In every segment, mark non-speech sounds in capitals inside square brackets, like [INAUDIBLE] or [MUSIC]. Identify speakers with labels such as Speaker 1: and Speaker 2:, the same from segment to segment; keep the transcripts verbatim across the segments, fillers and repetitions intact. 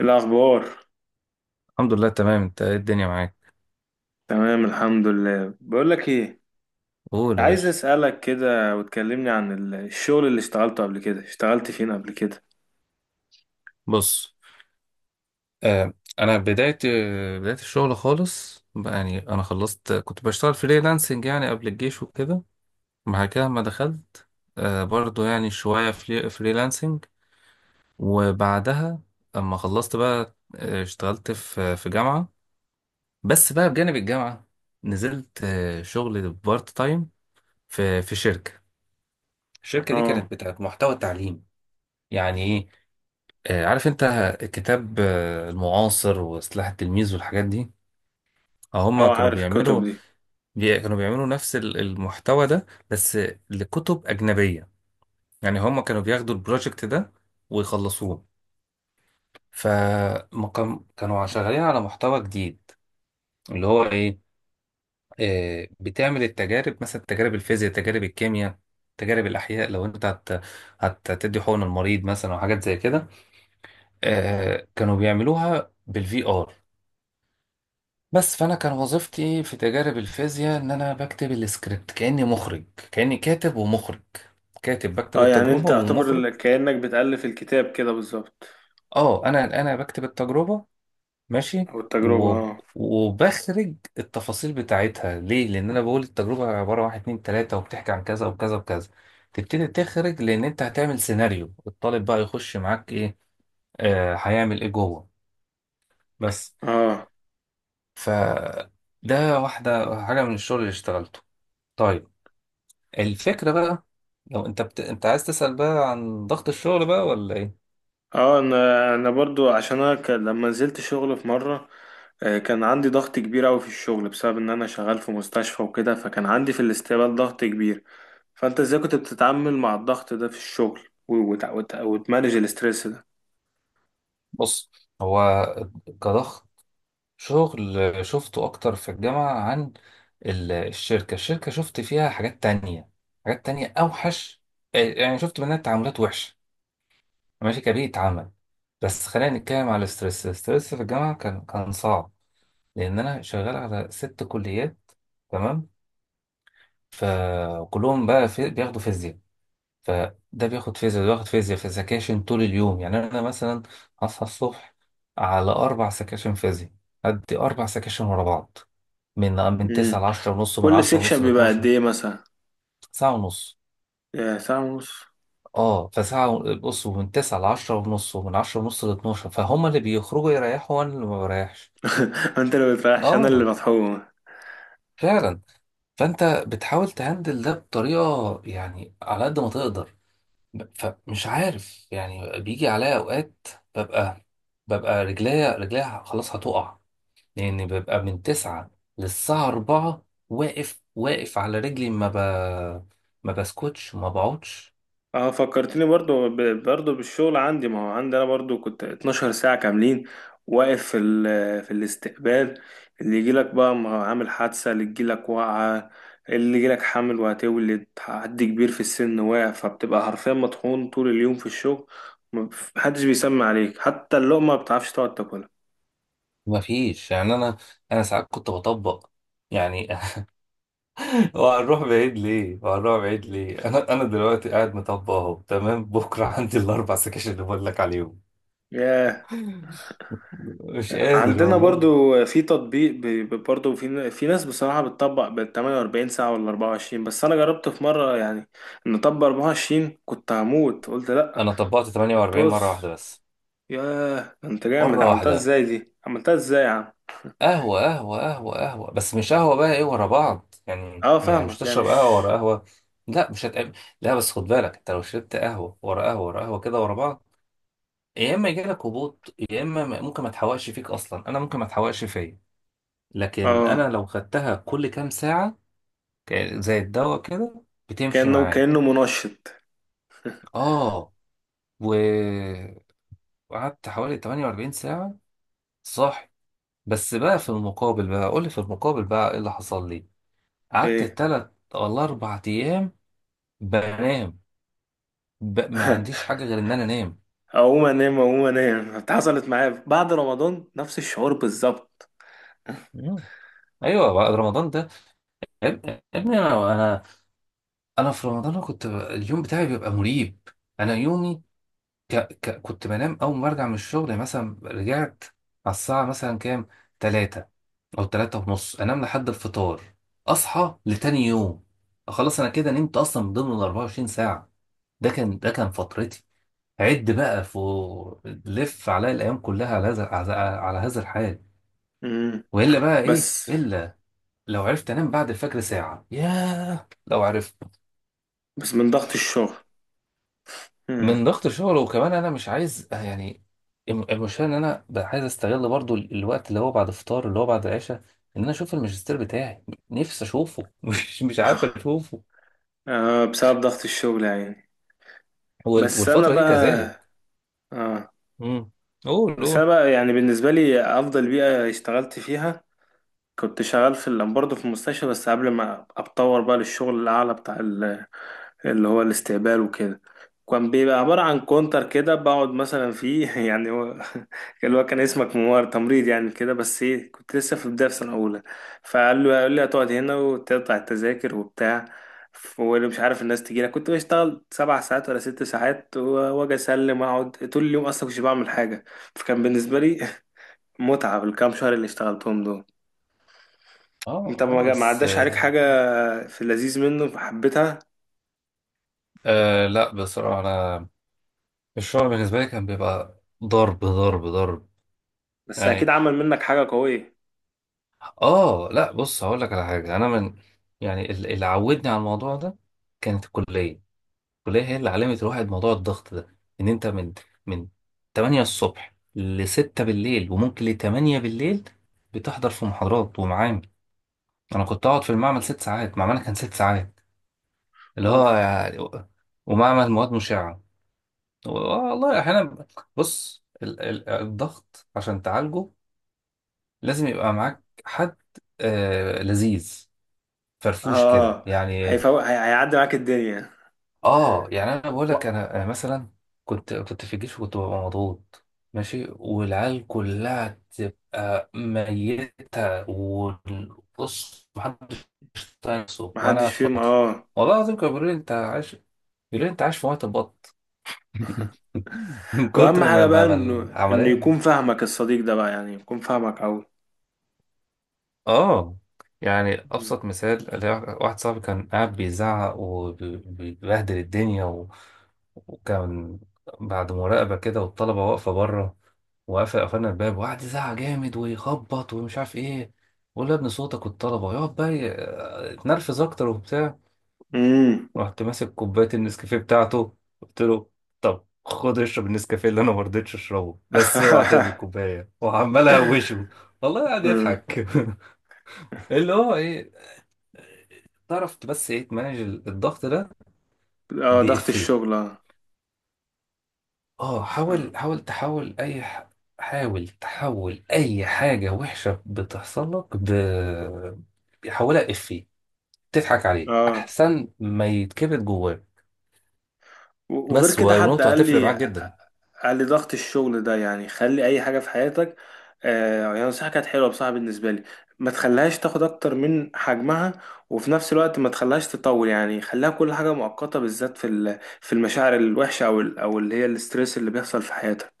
Speaker 1: إيه الأخبار؟
Speaker 2: الحمد لله تمام. انت ايه الدنيا معاك؟
Speaker 1: تمام الحمد لله. بقول لك إيه،
Speaker 2: قول يا
Speaker 1: عايز
Speaker 2: باشا.
Speaker 1: أسألك كده وتكلمني عن ال- الشغل اللي اشتغلته قبل كده. اشتغلت فين قبل كده؟
Speaker 2: بص، آه، انا بدايه بدايه الشغل خالص بقى، يعني انا خلصت كنت بشتغل فريلانسنج يعني قبل الجيش وكده. بعد كده ما دخلت، آه، برضو يعني شويه فري فريلانسنج. وبعدها اما خلصت بقى، آه، اشتغلت في في جامعه. بس بقى بجانب الجامعه نزلت، آه، شغل بارت تايم في في شركه. الشركه دي
Speaker 1: اه.
Speaker 2: كانت بتاعت محتوى تعليم. يعني ايه؟ آه، عارف انت، كتاب، آه، المعاصر وسلاح التلميذ والحاجات دي. اه، هما
Speaker 1: اه
Speaker 2: كانوا
Speaker 1: عارف الكتب
Speaker 2: بيعملوا،
Speaker 1: دي.
Speaker 2: بي... كانوا بيعملوا نفس ال- المحتوى ده، بس لكتب أجنبية. يعني هما كانوا بياخدوا البروجكت ده ويخلصوه. فما كان... كانوا شغالين على محتوى جديد اللي هو ايه. آه، بتعمل التجارب، مثلا تجارب الفيزياء، تجارب الكيمياء، تجارب الأحياء. لو انت هت... هت- هتدي حقن المريض مثلا وحاجات زي كده. آه، كانوا بيعملوها بالفي ار. بس فانا كان وظيفتي في تجارب الفيزياء ان انا بكتب السكريبت كاني مخرج، كاني كاتب ومخرج. كاتب بكتب
Speaker 1: اه، يعني
Speaker 2: التجربه
Speaker 1: انت اعتبر
Speaker 2: ومخرج.
Speaker 1: ال- كأنك بتألف الكتاب كده بالظبط،
Speaker 2: اه، انا انا بكتب التجربه. ماشي.
Speaker 1: او التجربة
Speaker 2: و...
Speaker 1: اه.
Speaker 2: وبخرج التفاصيل بتاعتها. ليه؟ لان انا بقول التجربه عباره عن واحد اتنين تلاته، وبتحكي عن كذا وكذا وكذا. تبتدي تخرج، لان انت هتعمل سيناريو الطالب بقى، يخش معاك ايه، آه، هيعمل ايه جوه. بس.
Speaker 1: اه.
Speaker 2: ف ده واحده حاجه من الشغل اللي اشتغلته. طيب. الفكرة بقى، لو انت بت... انت عايز تسأل بقى عن ضغط الشغل بقى ولا ايه؟
Speaker 1: اه انا انا برضو، عشان انا كان لما نزلت شغل في مره، آه، كان عندي ضغط كبير قوي في الشغل، بسبب ان انا شغال في مستشفى وكده، فكان عندي في الاستقبال ضغط كبير. فانت ازاي كنت بتتعامل مع الضغط ده في الشغل، و- وت- وت- وتمانج الاسترس ده؟
Speaker 2: بص. هو، كضغط شغل، شفته اكتر في الجامعة عن ال- الشركة. الشركة شفت فيها حاجات تانية، حاجات تانية اوحش. آه، يعني شفت منها تعاملات وحشة. ماشي، كبيئة عمل. بس خلينا نتكلم على الستريس. الستريس في الجامعة كان كان صعب، لان انا شغال على ست كليات. تمام. فكلهم بقى في... بياخدوا فيزياء. فده بياخد فيزياء، ده بياخد فيزياء، في سكاشن طول اليوم. يعني انا مثلا هصحى الصبح على اربع سكاشن فيزياء. ادي اربع سكاشن ورا بعض، من من تسعة
Speaker 1: مم.
Speaker 2: ل عشرة ونص، ومن
Speaker 1: كل
Speaker 2: عشرة ونص
Speaker 1: سيكشن
Speaker 2: ل
Speaker 1: بيبقى قد
Speaker 2: اثنا عشر.
Speaker 1: ايه مثلا؟
Speaker 2: ساعه ونص.
Speaker 1: يا ساعه ونص.
Speaker 2: اه، فساعه و- بص، ومن تسعة ل عشرة ونص ومن عشرة ونص ل اتناشر، فهم اللي بيخرجوا يريحوا وانا اللي ما بريحش.
Speaker 1: [LAUGHS] انت اللي بتريحش، انا
Speaker 2: اه
Speaker 1: اللي بتحوم.
Speaker 2: فعلا. فانت بتحاول تهندل ده بطريقه، يعني، على قد ما تقدر. ب- فمش عارف، يعني بيجي عليا اوقات ببقى ببقى رجليا رجليا خلاص هتقع، لان ببقى من تسعة للساعة أربعة واقف واقف على رجلي. ما ب... ما بسكتش ما بقعدش.
Speaker 1: اه، فكرتني برضو ب- برضو بالشغل عندي، ما هو عندي انا برضو كنت 12 ساعة كاملين واقف في ال- في الاستقبال. اللي يجيلك بقى ما هو عامل حادثة، اللي يجيلك واقعة، اللي يجيلك حامل وهتولد، حد كبير في السن واقع، فبتبقى حرفيا مطحون طول اليوم في الشغل. ما- محدش بيسمع عليك، حتى اللقمة ما بتعرفش تقعد تاكلها.
Speaker 2: ما فيش. يعني انا، انا ساعات كنت بطبق، يعني. [LAUGHS] وهنروح بعيد ليه، وهنروح بعيد
Speaker 1: مم.
Speaker 2: ليه؟ انا انا دلوقتي قاعد مطبق اهو. تمام؟ بكره [LAUGHS] عندي الاربع سكاشن اللي بقول لك عليهم.
Speaker 1: ياه.
Speaker 2: مش قادر
Speaker 1: عندنا
Speaker 2: والله.
Speaker 1: برضو في تطبيق ب- ب- برضو في في ناس بصراحة بتطبق بال تمنية واربعين ساعة ولا اربعة وعشرين. بس أنا جربت في مرة يعني نطبق اربعة وعشرين، كنت هموت، قلت لأ.
Speaker 2: انا طبقت تمانية واربعين مرة
Speaker 1: طز.
Speaker 2: واحدة بس.
Speaker 1: ياه، ده أنت جامد،
Speaker 2: مرة
Speaker 1: عملتها
Speaker 2: واحدة.
Speaker 1: إزاي دي؟ عملتها إزاي يا عم؟
Speaker 2: قهوة قهوة قهوة قهوة، بس مش قهوة بقى، ايه ورا بعض، يعني
Speaker 1: أه
Speaker 2: يعني مش
Speaker 1: فاهمك، يعني
Speaker 2: تشرب
Speaker 1: مش
Speaker 2: قهوة ورا قهوة. لا مش هتقابل. لا بس خد بالك، انت لو شربت قهوة ورا قهوة ورا قهوة كده ورا بعض، يا اما يجيلك هبوط، يا اما م- ممكن ما تحوقش فيك اصلا. انا ممكن ما تحوقش فيا. لكن انا
Speaker 1: أه.
Speaker 2: لو خدتها كل كام ساعة، ك- زي الدواء كده، بتمشي
Speaker 1: كأنه
Speaker 2: معايا.
Speaker 1: كأنه منشط.
Speaker 2: اه. و وقعدت حوالي تمانية واربعين ساعة صاحي. بس بقى، في المقابل بقى، قولي في المقابل بقى ايه اللي حصل لي. قعدت
Speaker 1: إيه؟
Speaker 2: تلات ولا أربع أيام بنام. ب... ما عنديش
Speaker 1: [LAUGHS]
Speaker 2: حاجة غير إن أنا أنام.
Speaker 1: أقوم أنام أقوم أنام، حصلت معايا بعد رمضان نفس الشعور بالظبط.
Speaker 2: مم. أيوه، بعد رمضان ده. يا ابني يا ابني، أنا أنا أنا في رمضان، أنا كنت، ب- اليوم بتاعي بيبقى مريب. أنا يومي، ك... ك... كنت بنام أول ما برجع من الشغل. يعني مثلا رجعت على الساعة مثلا كام، تلاتة أو تلاتة ونص، أنام لحد الفطار، أصحى لتاني يوم. خلاص أنا كده نمت أصلا من ضمن الأربعة وعشرين ساعة. ده كان ده كان فترتي. عد بقى فوق، لف عليا الايام كلها على هذا على على هذا الحال.
Speaker 1: أمم.
Speaker 2: والا بقى ايه
Speaker 1: بس.
Speaker 2: الا. لو عرفت انام بعد الفجر ساعه، ياه لو عرفت.
Speaker 1: بس من ضغط الشغل. أمم.
Speaker 2: من ضغط الشغل. وكمان انا مش عايز، يعني، الم- المشكله ان انا بقى عايز استغل برضو ال- الوقت اللي هو بعد الفطار، اللي هو بعد العشاء، ان انا اشوف الماجستير بتاعي. نفسي اشوفه. [LAUGHS] مش مش عارف
Speaker 1: [LAUGHS]
Speaker 2: اشوفه.
Speaker 1: آه بسبب ضغط الشغل يعني.
Speaker 2: وال-
Speaker 1: بس انا
Speaker 2: والفتره دي
Speaker 1: بقى
Speaker 2: كذلك.
Speaker 1: آه.
Speaker 2: امم. قول
Speaker 1: بس
Speaker 2: قول.
Speaker 1: انا بقى يعني بالنسبه لي افضل بيئه اشتغلت فيها، كنت شغال في ال- برضه في المستشفى، بس قبل ما اتطور بقى للشغل الاعلى بتاع، اللي هو الاستقبال وكده. كان بيبقى عبارة عن كونتر كده بقعد مثلا فيه، [LAUGHS] يعني هو اللي هو كان اسمك منور تمريض يعني كده. بس ايه، كنت لسه في بداية في سنة أولى، فقال له قال لي هتقعد هنا وتقطع التذاكر وبتاع. ف- واللي مش عارف الناس تجي لك، كنت بشتغل سبع ساعات ولا ست ساعات، و- واجي اسلم اقعد طول اليوم اصلا مش بعمل حاجة. فكان بالنسبة لي [LAUGHS] متعة بالكام شهر اللي اشتغلتهم دول. انت
Speaker 2: اه،
Speaker 1: ما
Speaker 2: آه،
Speaker 1: جا- ما
Speaker 2: بس
Speaker 1: عداش عليك
Speaker 2: آه
Speaker 1: حاجة، في اللذيذ منه فحبيتها.
Speaker 2: آه، لا بصراحه انا الشعر بالنسبة لي كان بيبقى ضرب ضرب ضرب،
Speaker 1: بس اكيد
Speaker 2: يعني.
Speaker 1: عمل منك حاجة قوية.
Speaker 2: اه لا، بص هقول لك على حاجة. انا من، يعني، ال- اللي عودني على الموضوع ده كانت الكلية. الكلية هي اللي علمت الواحد موضوع الضغط ده، ان انت من من تمانية الصبح ل ستة بالليل وممكن ل تمانية بالليل بتحضر في محاضرات ومعامل. انا كنت اقعد في المعمل ست ساعات. معملنا كان ست ساعات، اللي هو
Speaker 1: اوف.
Speaker 2: يعني. ومعمل مواد مشعة، والله احيانا. بص، ال- ال- الضغط عشان تعالجه لازم يبقى معاك حد، آه، لذيذ، فرفوش
Speaker 1: اه
Speaker 2: كده،
Speaker 1: اه.
Speaker 2: يعني.
Speaker 1: هيفوق هي- هيعدي معاك الدنيا.
Speaker 2: اه، يعني انا بقول لك،
Speaker 1: و-
Speaker 2: انا أنا مثلا كنت كنت في الجيش وكنت ببقى مضغوط، ماشي، والعيال كلها تبقى ميتة وبص، محدش طايق نفسه وانا
Speaker 1: محدش فيهم
Speaker 2: اتخرجت.
Speaker 1: اه.
Speaker 2: والله العظيم كانوا بيقولوا لي انت عايش، بيقولوا لي انت عايش في وقت البط. [LAUGHS] من
Speaker 1: واهم
Speaker 2: كتر ما
Speaker 1: حاجة بقى
Speaker 2: ما ما
Speaker 1: انه انه يكون
Speaker 2: العملية.
Speaker 1: فاهمك الصديق ده بقى، يعني يكون فاهمك اوي.
Speaker 2: اه، يعني ابسط مثال اللي هو، واحد صاحبي كان قاعد بيزعق وبيبهدل الدنيا و... وكان بعد مراقبة كده والطلبة واقفة بره، وقفل قفلنا الباب وقعد يزعق جامد ويخبط ومش عارف ايه. بقول له يا ابني صوتك والطلبة، يقعد بقى، ي- اتنرفز اكتر وبتاع.
Speaker 1: امم.
Speaker 2: رحت ماسك كوباية النسكافيه بتاعته، قلت له طب خد اشرب النسكافيه اللي انا ما رضيتش اشربه، بس اوعى ترمي
Speaker 1: [LAUGHS]
Speaker 2: الكوبايه وعمال اهوشه. والله قاعد
Speaker 1: أمم.
Speaker 2: يضحك. [LAUGHS] اللي هو ايه، تعرف بس ايه تمانج الضغط ده؟
Speaker 1: اه ضغط
Speaker 2: بإفيه.
Speaker 1: الشغل اه.
Speaker 2: اه،
Speaker 1: ف-
Speaker 2: حاول، حاول تحول اي ح... حاول تحول اي حاجة وحشة بتحصل لك، ب... بيحولها إفيه، تضحك عليه
Speaker 1: اه
Speaker 2: احسن ما يتكبت جواه.
Speaker 1: وغير
Speaker 2: بس،
Speaker 1: كده حد
Speaker 2: ونقطة
Speaker 1: قال
Speaker 2: هتفرق
Speaker 1: لي،
Speaker 2: معاك جدا.
Speaker 1: قال لي ضغط الشغل ده يعني خلي اي حاجه في حياتك، آه يعني نصيحه كانت حلوه بصراحه بالنسبه لي، ما تخليهاش تاخد اكتر من حجمها، وفي نفس الوقت ما تخليهاش تطول. يعني خليها كل حاجه مؤقته، بالذات في ال- في المشاعر الوحشه او ال- او اللي هي الاستريس اللي بيحصل في حياتك،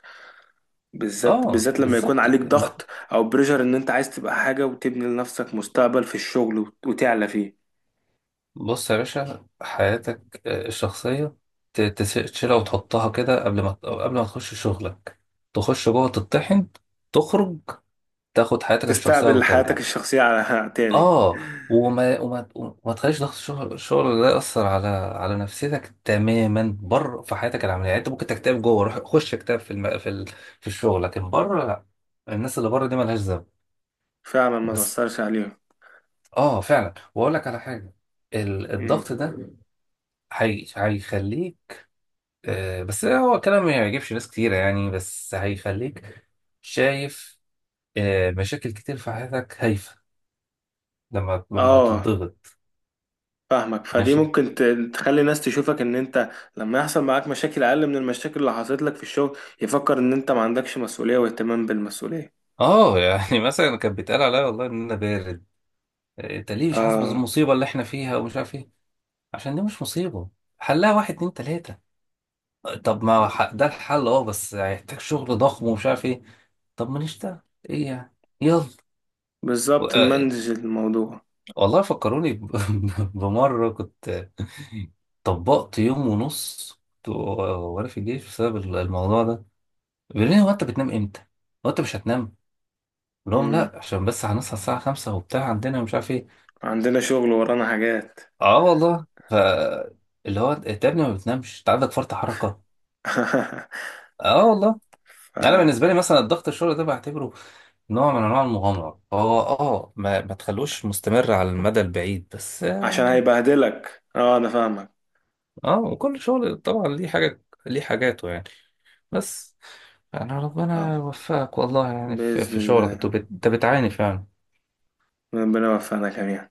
Speaker 1: بالذات
Speaker 2: اه
Speaker 1: بالذات لما يكون
Speaker 2: بالظبط.
Speaker 1: عليك
Speaker 2: ما-
Speaker 1: ضغط او بريشر، ان انت عايز تبقى حاجه وتبني لنفسك مستقبل في الشغل، وت- وتعلى فيه.
Speaker 2: بص يا باشا، حياتك، آه، الشخصية، ت- تس- تشيلها وتحطها كده قبل ما، قبل ما تخش شغلك. تخش جوه، تطحن، تخرج، تاخد حياتك الشخصية
Speaker 1: تستقبل حياتك
Speaker 2: وترجع.
Speaker 1: الشخصيه على [LAUGHS] تاني.
Speaker 2: اه، وما وما وما تخليش ضغط الشغل، الشغل ده يأثر على على نفسيتك تماما بره في حياتك العمليه. يعني انت ممكن تكتئب جوه، روح خش اكتئب في الم... في ال... في الشغل، لكن بره لا. الناس اللي بره دي مالهاش ذنب.
Speaker 1: فعلا ما
Speaker 2: بس.
Speaker 1: تأثرش عليهم.
Speaker 2: اه فعلا، واقول لك على حاجه، ال- الضغط ده هي... هيخليك، آه، بس هو كلام ما يعجبش ناس كتيره، يعني، بس هيخليك شايف، آه، مشاكل كتير في حياتك هايفه، لما لما
Speaker 1: اه
Speaker 2: تتضغط.
Speaker 1: فاهمك، فدي
Speaker 2: ماشي.
Speaker 1: ممكن ت- تخلي الناس تشوفك ان انت لما يحصل معاك مشاكل اقل من المشاكل اللي حصلت لك في الشغل، يفكر ان انت ما عندكش مسؤولية واهتمام بالمسؤولية.
Speaker 2: اه يعني [LAUGHS] مثلا كانت بيتقال عليا والله ان انا بارد، انت ليه مش حاسس
Speaker 1: اه
Speaker 2: بالمصيبه اللي احنا فيها ومش عارف ايه. عشان دي مش مصيبه. حلها واحد اتنين تلاته. طب، ما ح- ده الحل اه، بس هيحتاج شغل ضخم ومش عارف ايه. طب ما نشتغل، ايه يعني، يلا. و-
Speaker 1: بالظبط،
Speaker 2: آه،
Speaker 1: نمنج الموضوع.
Speaker 2: والله فكروني، ب- [LAUGHS] بمره كنت طبقت يوم ونص، كنت وانا في الجيش بسبب الموضوع ده. بيقول لي هو: انت بتنام امتى؟ هو انت مش هتنام؟ قلت لهم
Speaker 1: مم.
Speaker 2: لا، عشان بس هنصحى الساعه خمسة وبتاع، عندنا مش عارف ايه.
Speaker 1: عندنا شغل ورانا حاجات.
Speaker 2: اه والله. ف اللي هو انت يا ابني ما بتنامش، انت عندك فرط حركه.
Speaker 1: [LAUGHS]
Speaker 2: اه والله.
Speaker 1: ف...
Speaker 2: انا بالنسبه لي مثلا الضغط الشغل ده بعتبره نوع من انواع المغامره. هو اه، ما, ما تخلوش مستمر على المدى البعيد، بس،
Speaker 1: عشان
Speaker 2: يعني.
Speaker 1: هيبهدلك اه، انا فاهمك.
Speaker 2: اه، وكل شغل طبعا ليه حاجه، ليه حاجاته، يعني. بس، يعني ربنا
Speaker 1: اه
Speaker 2: يوفقك، والله، يعني في,
Speaker 1: بإذن
Speaker 2: في شغلك انت،
Speaker 1: الله،
Speaker 2: بت- أنت بتعاني فعلا.
Speaker 1: ربنا يوفقنا جميعا.